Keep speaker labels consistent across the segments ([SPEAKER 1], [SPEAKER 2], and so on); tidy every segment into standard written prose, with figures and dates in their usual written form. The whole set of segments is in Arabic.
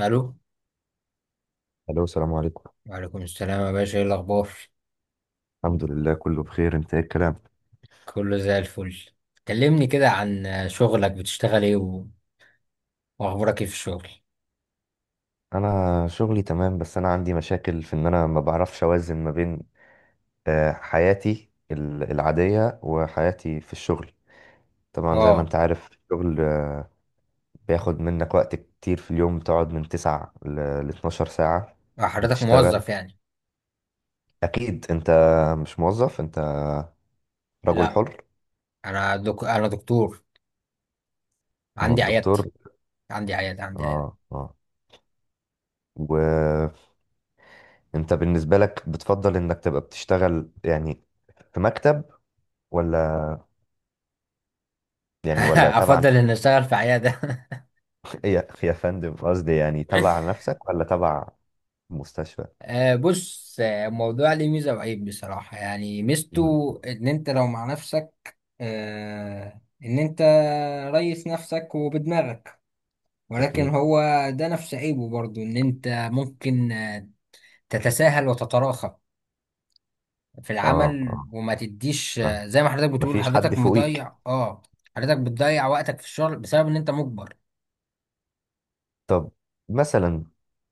[SPEAKER 1] الو.
[SPEAKER 2] الو. السلام عليكم.
[SPEAKER 1] وعليكم السلام يا باشا، ايه الاخبار؟
[SPEAKER 2] الحمد لله، كله بخير. انت ايه الكلام؟
[SPEAKER 1] كله زي الفل. كلمني كده عن شغلك، بتشتغل ايه واخبارك ايه في الشغل؟
[SPEAKER 2] انا شغلي تمام، بس انا عندي مشاكل في ان انا ما بعرفش اوازن ما بين حياتي العادية وحياتي في الشغل. طبعا زي ما
[SPEAKER 1] اه.
[SPEAKER 2] انت عارف الشغل بياخد منك وقت كتير في اليوم، بتقعد من 9 ل 12 ساعة.
[SPEAKER 1] حضرتك
[SPEAKER 2] بتشتغل
[SPEAKER 1] موظف يعني؟
[SPEAKER 2] اكيد، انت مش موظف، انت رجل
[SPEAKER 1] لا،
[SPEAKER 2] حر.
[SPEAKER 1] انا انا دكتور،
[SPEAKER 2] ما هو
[SPEAKER 1] عندي عيادتي.
[SPEAKER 2] الدكتور.
[SPEAKER 1] عندي عيادة.
[SPEAKER 2] اه اه، وانت بالنسبة لك بتفضل انك تبقى بتشتغل يعني في مكتب ولا يعني ولا تبع
[SPEAKER 1] افضل ان اشتغل في عيادة.
[SPEAKER 2] يا يا فندم قصدي يعني تبع نفسك ولا تبع مستشفى
[SPEAKER 1] بص، الموضوع ليه ميزة وعيب بصراحة. يعني
[SPEAKER 2] مم.
[SPEAKER 1] ميزته ان انت لو مع نفسك، ان انت ريس نفسك وبدماغك. ولكن
[SPEAKER 2] أكيد
[SPEAKER 1] هو ده نفس عيبه برضو، ان انت ممكن تتساهل وتتراخى في
[SPEAKER 2] اه
[SPEAKER 1] العمل
[SPEAKER 2] اه
[SPEAKER 1] وما تديش،
[SPEAKER 2] فاهم،
[SPEAKER 1] زي ما حضرتك بتقول،
[SPEAKER 2] مفيش حد
[SPEAKER 1] حضرتك
[SPEAKER 2] فوقيك.
[SPEAKER 1] مضيع. اه. حضرتك بتضيع وقتك في الشغل بسبب ان انت مجبر.
[SPEAKER 2] طب مثلا،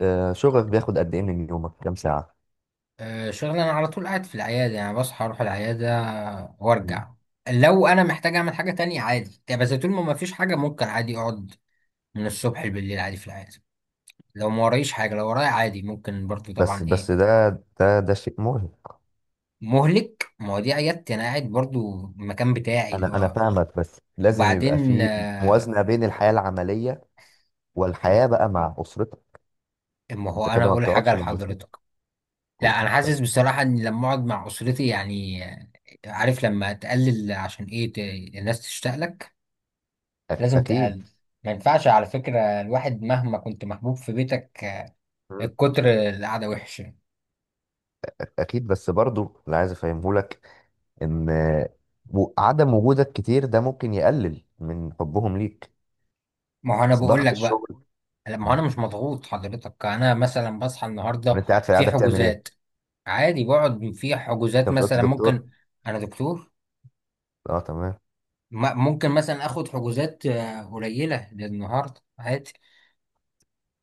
[SPEAKER 2] شغل بياخد قد ايه من يومك، كام ساعة؟
[SPEAKER 1] شغل؟ انا على طول قاعد في العيادة يعني، بصحى اروح العيادة وارجع.
[SPEAKER 2] مم.
[SPEAKER 1] لو انا محتاج اعمل حاجة تانية عادي يعني، بس طول ما فيش حاجة ممكن عادي اقعد من الصبح بالليل عادي في العيادة. لو ما ورايش حاجة، لو ورايا عادي ممكن برضو
[SPEAKER 2] بس
[SPEAKER 1] طبعا.
[SPEAKER 2] بس
[SPEAKER 1] ايه
[SPEAKER 2] ده شيء مرهق.
[SPEAKER 1] مهلك، ما هو دي عيادتي، انا قاعد برضو المكان بتاعي اللي
[SPEAKER 2] انا
[SPEAKER 1] هو.
[SPEAKER 2] فاهمك، بس لازم يبقى
[SPEAKER 1] وبعدين
[SPEAKER 2] في موازنة بين الحياة العملية والحياة بقى مع أسرتك
[SPEAKER 1] ما هو
[SPEAKER 2] انت
[SPEAKER 1] انا
[SPEAKER 2] كده ما
[SPEAKER 1] اقول حاجه
[SPEAKER 2] بتقعدش مع أسرتك
[SPEAKER 1] لحضرتك.
[SPEAKER 2] كل-
[SPEAKER 1] لا، انا حاسس بصراحه ان لما اقعد مع اسرتي يعني، عارف لما تقلل عشان ايه، الناس تشتاق لك.
[SPEAKER 2] أك-
[SPEAKER 1] لازم
[SPEAKER 2] اكيد
[SPEAKER 1] تقلل. ما ينفعش على فكره الواحد مهما كنت محبوب في بيتك،
[SPEAKER 2] مم.
[SPEAKER 1] الكتر القعده وحشه.
[SPEAKER 2] اكيد، بس برضو اللي عايز افهمه لك ان عدم وجودك كتير ده ممكن يقلل من حبهم ليك.
[SPEAKER 1] ما هو انا بقول
[SPEAKER 2] ضغط
[SPEAKER 1] لك بقى.
[SPEAKER 2] الشغل
[SPEAKER 1] لا، ما هو
[SPEAKER 2] من،
[SPEAKER 1] انا مش مضغوط حضرتك. انا مثلا بصحى النهارده،
[SPEAKER 2] انت قاعد في
[SPEAKER 1] في
[SPEAKER 2] القعده بتعمل ايه؟
[SPEAKER 1] حجوزات. عادي بقعد في
[SPEAKER 2] انت
[SPEAKER 1] حجوزات
[SPEAKER 2] مش قلت
[SPEAKER 1] مثلا
[SPEAKER 2] دكتور؟
[SPEAKER 1] ممكن. انا دكتور.
[SPEAKER 2] اه، تمام.
[SPEAKER 1] ممكن مثلا اخد حجوزات قليله للنهارده عادي.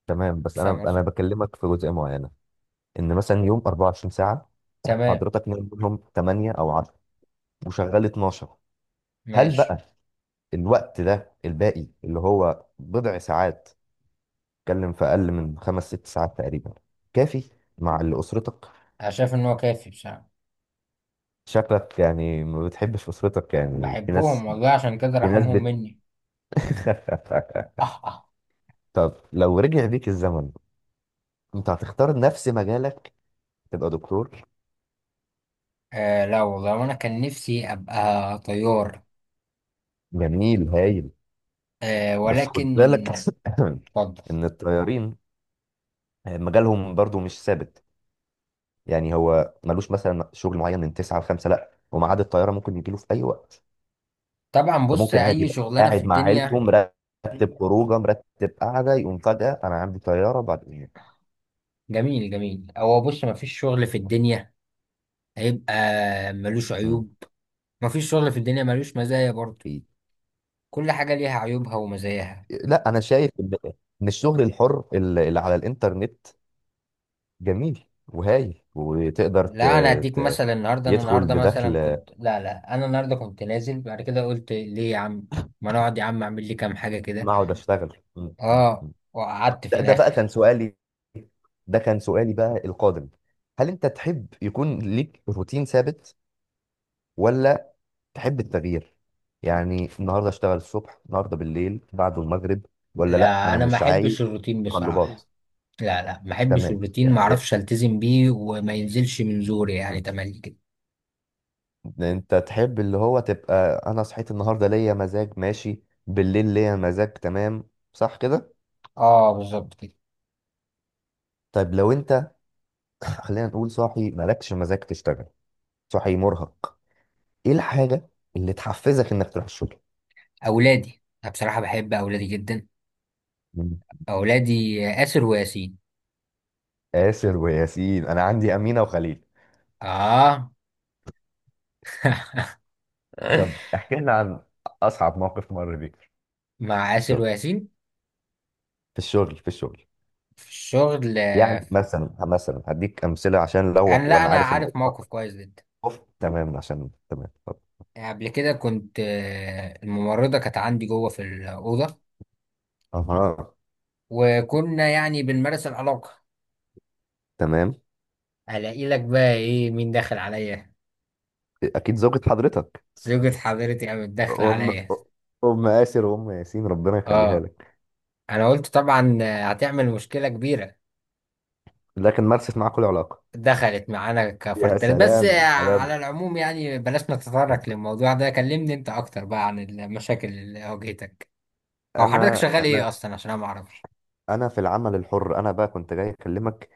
[SPEAKER 2] تمام، بس انا
[SPEAKER 1] فاهم
[SPEAKER 2] انا
[SPEAKER 1] قصدي.
[SPEAKER 2] بكلمك في جزئيه معينه. ان مثلا يوم 24 ساعه،
[SPEAKER 1] تمام.
[SPEAKER 2] حضرتك نايم منهم 8 او 10، وشغال 12. هل
[SPEAKER 1] ماشي.
[SPEAKER 2] بقى الوقت ده الباقي، اللي هو بضع ساعات، اتكلم في اقل من خمس ست ساعات تقريبا، كافي مع اللي اسرتك؟
[SPEAKER 1] انا شايف ان هو كافي بصراحه.
[SPEAKER 2] شكلك يعني ما بتحبش اسرتك، يعني في
[SPEAKER 1] بحبهم
[SPEAKER 2] ناس،
[SPEAKER 1] والله، عشان كده
[SPEAKER 2] في ناس.
[SPEAKER 1] رحمهم مني. اه اه.
[SPEAKER 2] طب لو رجع بيك الزمن، انت هتختار نفس مجالك، تبقى دكتور؟
[SPEAKER 1] لا والله، وانا كان نفسي ابقى طيار.
[SPEAKER 2] جميل، هايل.
[SPEAKER 1] آه،
[SPEAKER 2] بس
[SPEAKER 1] ولكن...
[SPEAKER 2] خد بالك
[SPEAKER 1] اتفضل.
[SPEAKER 2] ان الطيارين مجالهم برضو مش ثابت، يعني هو ملوش مثلا شغل معين من 9 ل 5، لا، وميعاد الطياره ممكن يجيله في اي وقت.
[SPEAKER 1] طبعا بص،
[SPEAKER 2] فممكن عادي
[SPEAKER 1] اي
[SPEAKER 2] يبقى
[SPEAKER 1] شغلانه في
[SPEAKER 2] قاعد مع عيلته،
[SPEAKER 1] الدنيا.
[SPEAKER 2] مرتب خروجه، مرتب قعده، يقوم فجاه انا عندي طياره بعد.
[SPEAKER 1] جميل جميل. هو بص، مفيش شغل في الدنيا هيبقى ملوش
[SPEAKER 2] مم.
[SPEAKER 1] عيوب. مفيش شغل في الدنيا ملوش مزايا برضه. كل حاجه ليها عيوبها ومزاياها.
[SPEAKER 2] لا، انا شايف إن الشغل الحر اللي على الانترنت جميل وهايل، وتقدر ت...
[SPEAKER 1] لا، انا اديك
[SPEAKER 2] ت...
[SPEAKER 1] مثلا النهارده، انا
[SPEAKER 2] يدخل
[SPEAKER 1] النهارده مثلا
[SPEAKER 2] بدخل
[SPEAKER 1] كنت، لا لا، انا النهارده كنت نازل بعد كده. قلت ليه يا عم ما نقعد يا عم، اعمل لي كام حاجه كده.
[SPEAKER 2] ما اقعد اشتغل م- م- م.
[SPEAKER 1] اه، وقعدت في
[SPEAKER 2] ده بقى
[SPEAKER 1] الاخر.
[SPEAKER 2] كان سؤالي، ده كان سؤالي بقى القادم. هل انت تحب يكون ليك روتين ثابت، ولا تحب التغيير؟ يعني النهارده اشتغل الصبح، النهارده بالليل، بعده المغرب، ولا لا
[SPEAKER 1] لا،
[SPEAKER 2] انا
[SPEAKER 1] انا ما
[SPEAKER 2] مش عايز
[SPEAKER 1] احبش الروتين
[SPEAKER 2] تقلبات.
[SPEAKER 1] بصراحه. لا لا، ما احبش
[SPEAKER 2] تمام،
[SPEAKER 1] الروتين، ما
[SPEAKER 2] تمام
[SPEAKER 1] اعرفش
[SPEAKER 2] يا-
[SPEAKER 1] التزم بيه وما ينزلش من زوري
[SPEAKER 2] م.
[SPEAKER 1] يعني تملي كده.
[SPEAKER 2] انت تحب اللي هو تبقى انا صحيت النهارده ليا مزاج ماشي، بالليل ليا مزاج تمام، صح كده؟
[SPEAKER 1] اه، بالظبط كده.
[SPEAKER 2] طيب لو انت، خلينا نقول صاحي مالكش مزاج تشتغل، صاحي مرهق، ايه الحاجة اللي تحفزك انك تروح الشغل؟
[SPEAKER 1] اولادي، انا بصراحه بحب اولادي جدا.
[SPEAKER 2] مم.
[SPEAKER 1] اولادي آسر وياسين.
[SPEAKER 2] آسر وياسين، انا عندي أمينة وخليل.
[SPEAKER 1] اه.
[SPEAKER 2] طب احكي لنا عن اصعب موقف مر بيك في
[SPEAKER 1] مع آسر
[SPEAKER 2] الشغل،
[SPEAKER 1] وياسين.
[SPEAKER 2] في الشغل، في الشغل.
[SPEAKER 1] في الشغل،
[SPEAKER 2] يعني مثلا، هديك امثلة عشان لو،
[SPEAKER 1] انا... لا،
[SPEAKER 2] وانا
[SPEAKER 1] انا
[SPEAKER 2] عارف ان.
[SPEAKER 1] عارف موقف كويس جدا.
[SPEAKER 2] أوف. تمام، عشان تمام، طب.
[SPEAKER 1] قبل كده كنت، الممرضة كانت عندي جوه في الأوضة
[SPEAKER 2] اها،
[SPEAKER 1] وكنا يعني بنمارس العلاقة.
[SPEAKER 2] تمام.
[SPEAKER 1] ألاقي لك بقى إيه، مين داخل عليا؟
[SPEAKER 2] اكيد زوجة حضرتك.
[SPEAKER 1] زوجة حضرتي قامت داخلة
[SPEAKER 2] ام
[SPEAKER 1] عليا.
[SPEAKER 2] ام آسر وام ياسين، ربنا يخليها
[SPEAKER 1] آه.
[SPEAKER 2] لك.
[SPEAKER 1] أنا قلت طبعا هتعمل مشكلة كبيرة.
[SPEAKER 2] لكن مارست معاك كل علاقة.
[SPEAKER 1] دخلت معانا كفرد
[SPEAKER 2] يا
[SPEAKER 1] تالت بس.
[SPEAKER 2] سلام،
[SPEAKER 1] على
[SPEAKER 2] سلام.
[SPEAKER 1] العموم يعني، بلاش
[SPEAKER 2] طب،
[SPEAKER 1] نتطرق للموضوع ده. كلمني أنت أكتر بقى عن المشاكل اللي واجهتك. أو حضرتك
[SPEAKER 2] انا
[SPEAKER 1] شغال
[SPEAKER 2] انا
[SPEAKER 1] إيه أصلا عشان أنا معرفش؟
[SPEAKER 2] انا في العمل الحر، انا بقى كنت جاي اكلمك،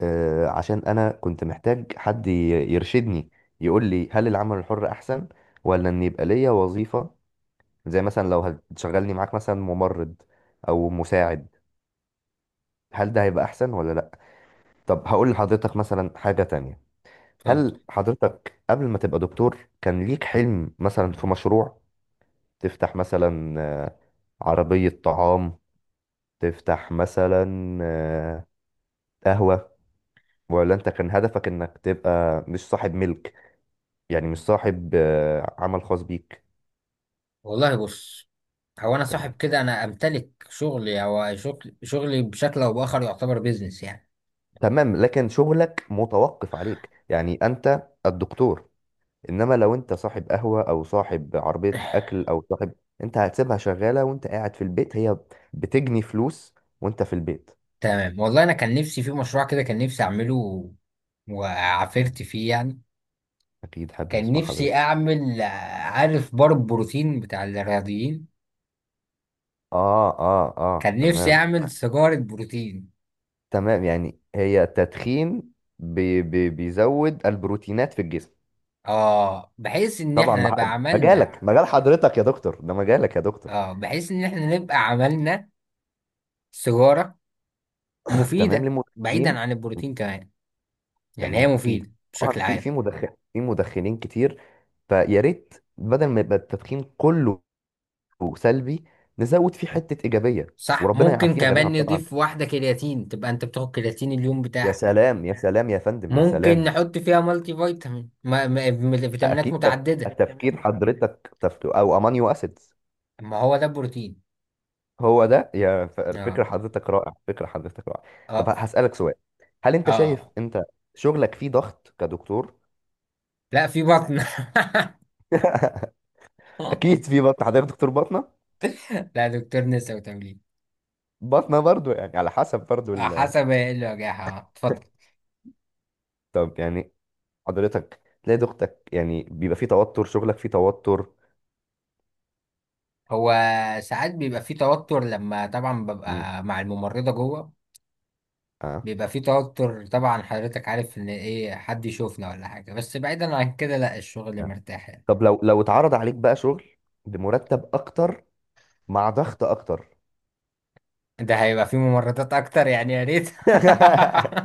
[SPEAKER 2] عشان انا كنت محتاج حد يرشدني، يقول لي هل العمل الحر احسن، ولا ان يبقى ليا وظيفة؟ زي مثلا لو هتشغلني معاك مثلا ممرض او مساعد، هل ده هيبقى احسن ولا لا؟ طب هقول لحضرتك مثلا حاجة تانية.
[SPEAKER 1] اتفضل.
[SPEAKER 2] هل حضرتك قبل ما تبقى دكتور كان ليك حلم مثلا في مشروع، تفتح مثلا عربية طعام، تفتح مثلا آه، قهوة، ولا انت كان هدفك انك تبقى مش صاحب ملك، يعني مش صاحب عمل خاص بيك؟
[SPEAKER 1] والله بص، هو انا
[SPEAKER 2] تمام،
[SPEAKER 1] صاحب، كده انا امتلك شغلي، او شغل شغلي بشكل او باخر يعتبر بيزنس يعني.
[SPEAKER 2] تمام، لكن شغلك متوقف عليك، يعني انت الدكتور. انما لو انت صاحب قهوة، او صاحب عربية اكل، او صاحب، انت هتسيبها شغالة وانت قاعد في البيت، هي بتجني فلوس وانت في البيت.
[SPEAKER 1] تمام، والله انا كان نفسي في مشروع كده، كان نفسي اعمله وعافرت فيه يعني.
[SPEAKER 2] اكيد حابب
[SPEAKER 1] كان
[SPEAKER 2] اسمع
[SPEAKER 1] نفسي
[SPEAKER 2] حضرتك.
[SPEAKER 1] اعمل، عارف بار البروتين بتاع الرياضيين،
[SPEAKER 2] اه اه اه،
[SPEAKER 1] كان نفسي
[SPEAKER 2] تمام.
[SPEAKER 1] اعمل سيجارة بروتين.
[SPEAKER 2] تمام، يعني هي التدخين بي بي بيزود البروتينات في الجسم.
[SPEAKER 1] اه، بحيث ان
[SPEAKER 2] طبعا
[SPEAKER 1] احنا نبقى عملنا.
[SPEAKER 2] مجالك، مجال حضرتك يا دكتور، ده مجالك يا دكتور.
[SPEAKER 1] اه، بحيث ان احنا نبقى عملنا سيجارة
[SPEAKER 2] تمام
[SPEAKER 1] مفيدة
[SPEAKER 2] للمدخنين.
[SPEAKER 1] بعيدا عن البروتين كمان. يعني هي
[SPEAKER 2] تمام، اكيد.
[SPEAKER 1] مفيدة
[SPEAKER 2] طبعا
[SPEAKER 1] بشكل
[SPEAKER 2] في
[SPEAKER 1] عام.
[SPEAKER 2] مدخنين كتير، فيا ريت بدل ما يبقى التدخين كله سلبي، نزود فيه حتة إيجابية.
[SPEAKER 1] صح،
[SPEAKER 2] وربنا
[SPEAKER 1] ممكن
[SPEAKER 2] يعافينا جميعا
[SPEAKER 1] كمان
[SPEAKER 2] طبعا.
[SPEAKER 1] نضيف واحدة كرياتين تبقى انت بتاخد كرياتين اليوم
[SPEAKER 2] يا
[SPEAKER 1] بتاعك.
[SPEAKER 2] سلام، يا سلام يا فندم، يا
[SPEAKER 1] ممكن
[SPEAKER 2] سلام.
[SPEAKER 1] نحط فيها مالتي فيتامين، ما ما م- فيتامينات
[SPEAKER 2] اكيد
[SPEAKER 1] متعددة.
[SPEAKER 2] التفكير حضرتك او امانيو اسيد.
[SPEAKER 1] ما هو ده بروتين.
[SPEAKER 2] هو ده يا
[SPEAKER 1] اه
[SPEAKER 2] فكرة حضرتك رائع، فكرة حضرتك رائع. طب
[SPEAKER 1] اه
[SPEAKER 2] هسألك سؤال، هل
[SPEAKER 1] اه.
[SPEAKER 2] انت شايف
[SPEAKER 1] آه.
[SPEAKER 2] انت شغلك فيه ضغط كدكتور؟
[SPEAKER 1] لا، في بطن.
[SPEAKER 2] اكيد في بطن، حضرتك دكتور باطنة.
[SPEAKER 1] لا، دكتور نسا وتمرين.
[SPEAKER 2] باطنة برضو، يعني على حسب برضو
[SPEAKER 1] حسب ايه اللي واجهها، اتفضل.
[SPEAKER 2] طب يعني حضرتك تلاقي ضغطك، يعني بيبقى فيه توتر، شغلك فيه توتر؟
[SPEAKER 1] هو ساعات بيبقى في توتر لما طبعا
[SPEAKER 2] مم.
[SPEAKER 1] ببقى مع الممرضة جوه.
[SPEAKER 2] آه.
[SPEAKER 1] بيبقى في توتر طبعا، حضرتك عارف ان ايه، حد يشوفنا ولا حاجة. بس بعيدا عن كده، لا، الشغل
[SPEAKER 2] آه.
[SPEAKER 1] مرتاح يعني.
[SPEAKER 2] طب لو اتعرض عليك بقى شغل بمرتب اكتر، مع ضغط اكتر،
[SPEAKER 1] ده هيبقى فيه ممرضات اكتر يعني، يا ريت.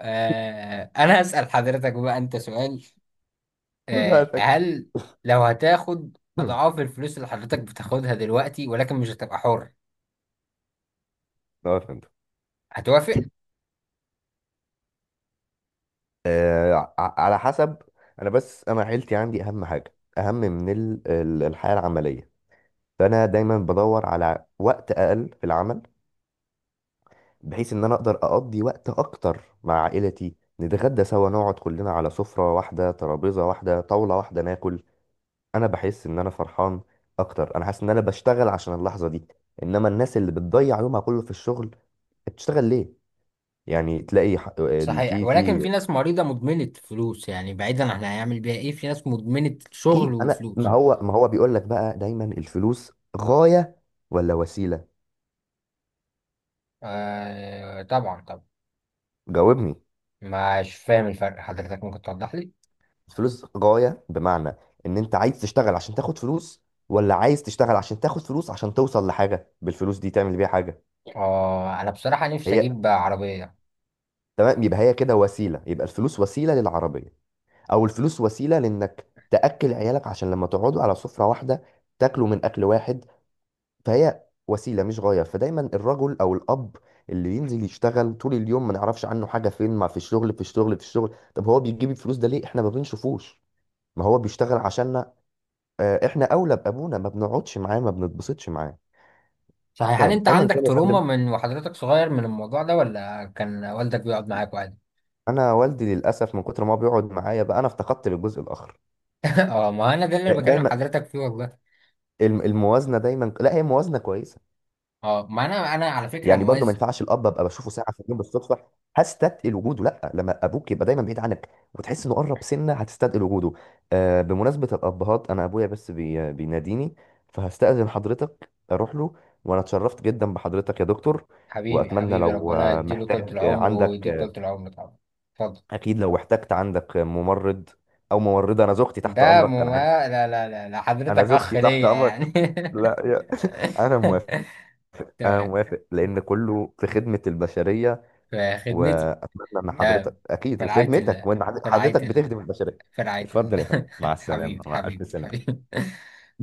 [SPEAKER 1] انا هسأل حضرتك بقى انت سؤال.
[SPEAKER 2] خد بالك.
[SPEAKER 1] هل لو هتاخد اضعاف الفلوس اللي حضرتك بتاخدها دلوقتي ولكن مش هتبقى حر،
[SPEAKER 2] اه، فهمت.
[SPEAKER 1] هتوافق؟
[SPEAKER 2] على حسب. انا بس، انا عيلتي عندي اهم حاجه، اهم من الحياه العمليه، فانا دايما بدور على وقت اقل في العمل، بحيث ان انا اقدر اقضي وقت اكتر مع عائلتي، نتغدى سوا، نقعد كلنا على سفره واحده، ترابيزه واحده، طاوله واحده، ناكل. انا بحس ان انا فرحان اكتر، انا حاسس ان انا بشتغل عشان اللحظه دي. انما الناس اللي بتضيع يومها كله في الشغل، بتشتغل ليه؟ يعني تلاقي ح- ال-
[SPEAKER 1] صحيح.
[SPEAKER 2] في
[SPEAKER 1] ولكن
[SPEAKER 2] في
[SPEAKER 1] في ناس مريضة مدمنة فلوس يعني، بعيدا احنا هيعمل بيها ايه، في ناس مدمنة شغل
[SPEAKER 2] اكيد انا،
[SPEAKER 1] وفلوس.
[SPEAKER 2] ما هو بيقول لك بقى، دايما الفلوس غاية ولا وسيلة؟
[SPEAKER 1] آه طبعا طبعا.
[SPEAKER 2] جاوبني.
[SPEAKER 1] مش فاهم الفرق حضرتك، ممكن توضح لي؟
[SPEAKER 2] الفلوس غاية بمعنى ان انت عايز تشتغل عشان تاخد فلوس، ولا عايز تشتغل عشان تاخد فلوس عشان توصل لحاجة بالفلوس دي تعمل بيها حاجة.
[SPEAKER 1] اه، انا بصراحة نفسي
[SPEAKER 2] هي
[SPEAKER 1] اجيب عربية.
[SPEAKER 2] تمام، يبقى هي كده وسيلة، يبقى الفلوس وسيلة للعربية، او الفلوس وسيلة لانك تأكل عيالك عشان لما تقعدوا على سفرة واحدة، تاكلوا من اكل واحد، فهي وسيله مش غايه. فدايما الرجل او الاب اللي بينزل يشتغل طول اليوم، ما نعرفش عنه حاجه، فين؟ ما في الشغل، في الشغل، في الشغل. طب هو بيجيب الفلوس ده ليه احنا ما بنشوفوش؟ ما هو بيشتغل عشاننا. احنا اولى بابونا، ما بنقعدش معاه، ما بنتبسطش معاه.
[SPEAKER 1] صحيح. هل
[SPEAKER 2] تمام،
[SPEAKER 1] انت
[SPEAKER 2] ايا
[SPEAKER 1] عندك
[SPEAKER 2] كان يا
[SPEAKER 1] تروما،
[SPEAKER 2] فندم.
[SPEAKER 1] من وحضرتك صغير، من الموضوع ده، ولا كان والدك بيقعد معاك عادي؟
[SPEAKER 2] انا والدي للاسف من كتر ما هو بيقعد معايا بقى، انا افتقدت للجزء الاخر.
[SPEAKER 1] اه، ما انا ده اللي بكلم
[SPEAKER 2] دايما
[SPEAKER 1] حضرتك فيه والله.
[SPEAKER 2] الموازنه، دايما لا، هي موازنه كويسه.
[SPEAKER 1] اه، ما انا على فكرة
[SPEAKER 2] يعني برضو ما
[SPEAKER 1] موازن.
[SPEAKER 2] ينفعش الاب، ابقى بشوفه ساعه في اليوم بالصدفه، هستثقل وجوده. لا، لما ابوك يبقى دايما بعيد عنك وتحس انه قرب، سنه هتستثقل وجوده. بمناسبه الابهات، انا ابويا بس بيناديني، فهستأذن حضرتك اروح له. وانا اتشرفت جدا بحضرتك يا دكتور.
[SPEAKER 1] حبيبي
[SPEAKER 2] واتمنى
[SPEAKER 1] حبيبي،
[SPEAKER 2] لو
[SPEAKER 1] ربنا يديله
[SPEAKER 2] محتاج
[SPEAKER 1] طولة العمر
[SPEAKER 2] عندك،
[SPEAKER 1] ويديك طولة العمر طبعا. اتفضل.
[SPEAKER 2] اكيد لو احتجت عندك ممرض او ممرضه، انا زوجتي تحت
[SPEAKER 1] ده
[SPEAKER 2] امرك.
[SPEAKER 1] مو...
[SPEAKER 2] انا عارف،
[SPEAKER 1] ما- لا لا لا لا، حضرتك
[SPEAKER 2] انا
[SPEAKER 1] اخ
[SPEAKER 2] زوجتي تحت
[SPEAKER 1] ليا
[SPEAKER 2] امرك.
[SPEAKER 1] يعني.
[SPEAKER 2] لا يا، انا موافق. انا
[SPEAKER 1] تمام.
[SPEAKER 2] موافق لان كله في خدمة البشرية.
[SPEAKER 1] في خدمتي.
[SPEAKER 2] واتمنى ان حضرتك،
[SPEAKER 1] تمام.
[SPEAKER 2] اكيد
[SPEAKER 1] في رعاية
[SPEAKER 2] وخدمتك،
[SPEAKER 1] الله.
[SPEAKER 2] وان
[SPEAKER 1] في رعاية
[SPEAKER 2] حضرتك
[SPEAKER 1] الله.
[SPEAKER 2] بتخدم البشريه.
[SPEAKER 1] في رعاية
[SPEAKER 2] اتفضل يا فندم،
[SPEAKER 1] الله.
[SPEAKER 2] مع السلامه،
[SPEAKER 1] حبيبي
[SPEAKER 2] مع
[SPEAKER 1] حبيبي
[SPEAKER 2] الف
[SPEAKER 1] حبيبي.
[SPEAKER 2] سلامه.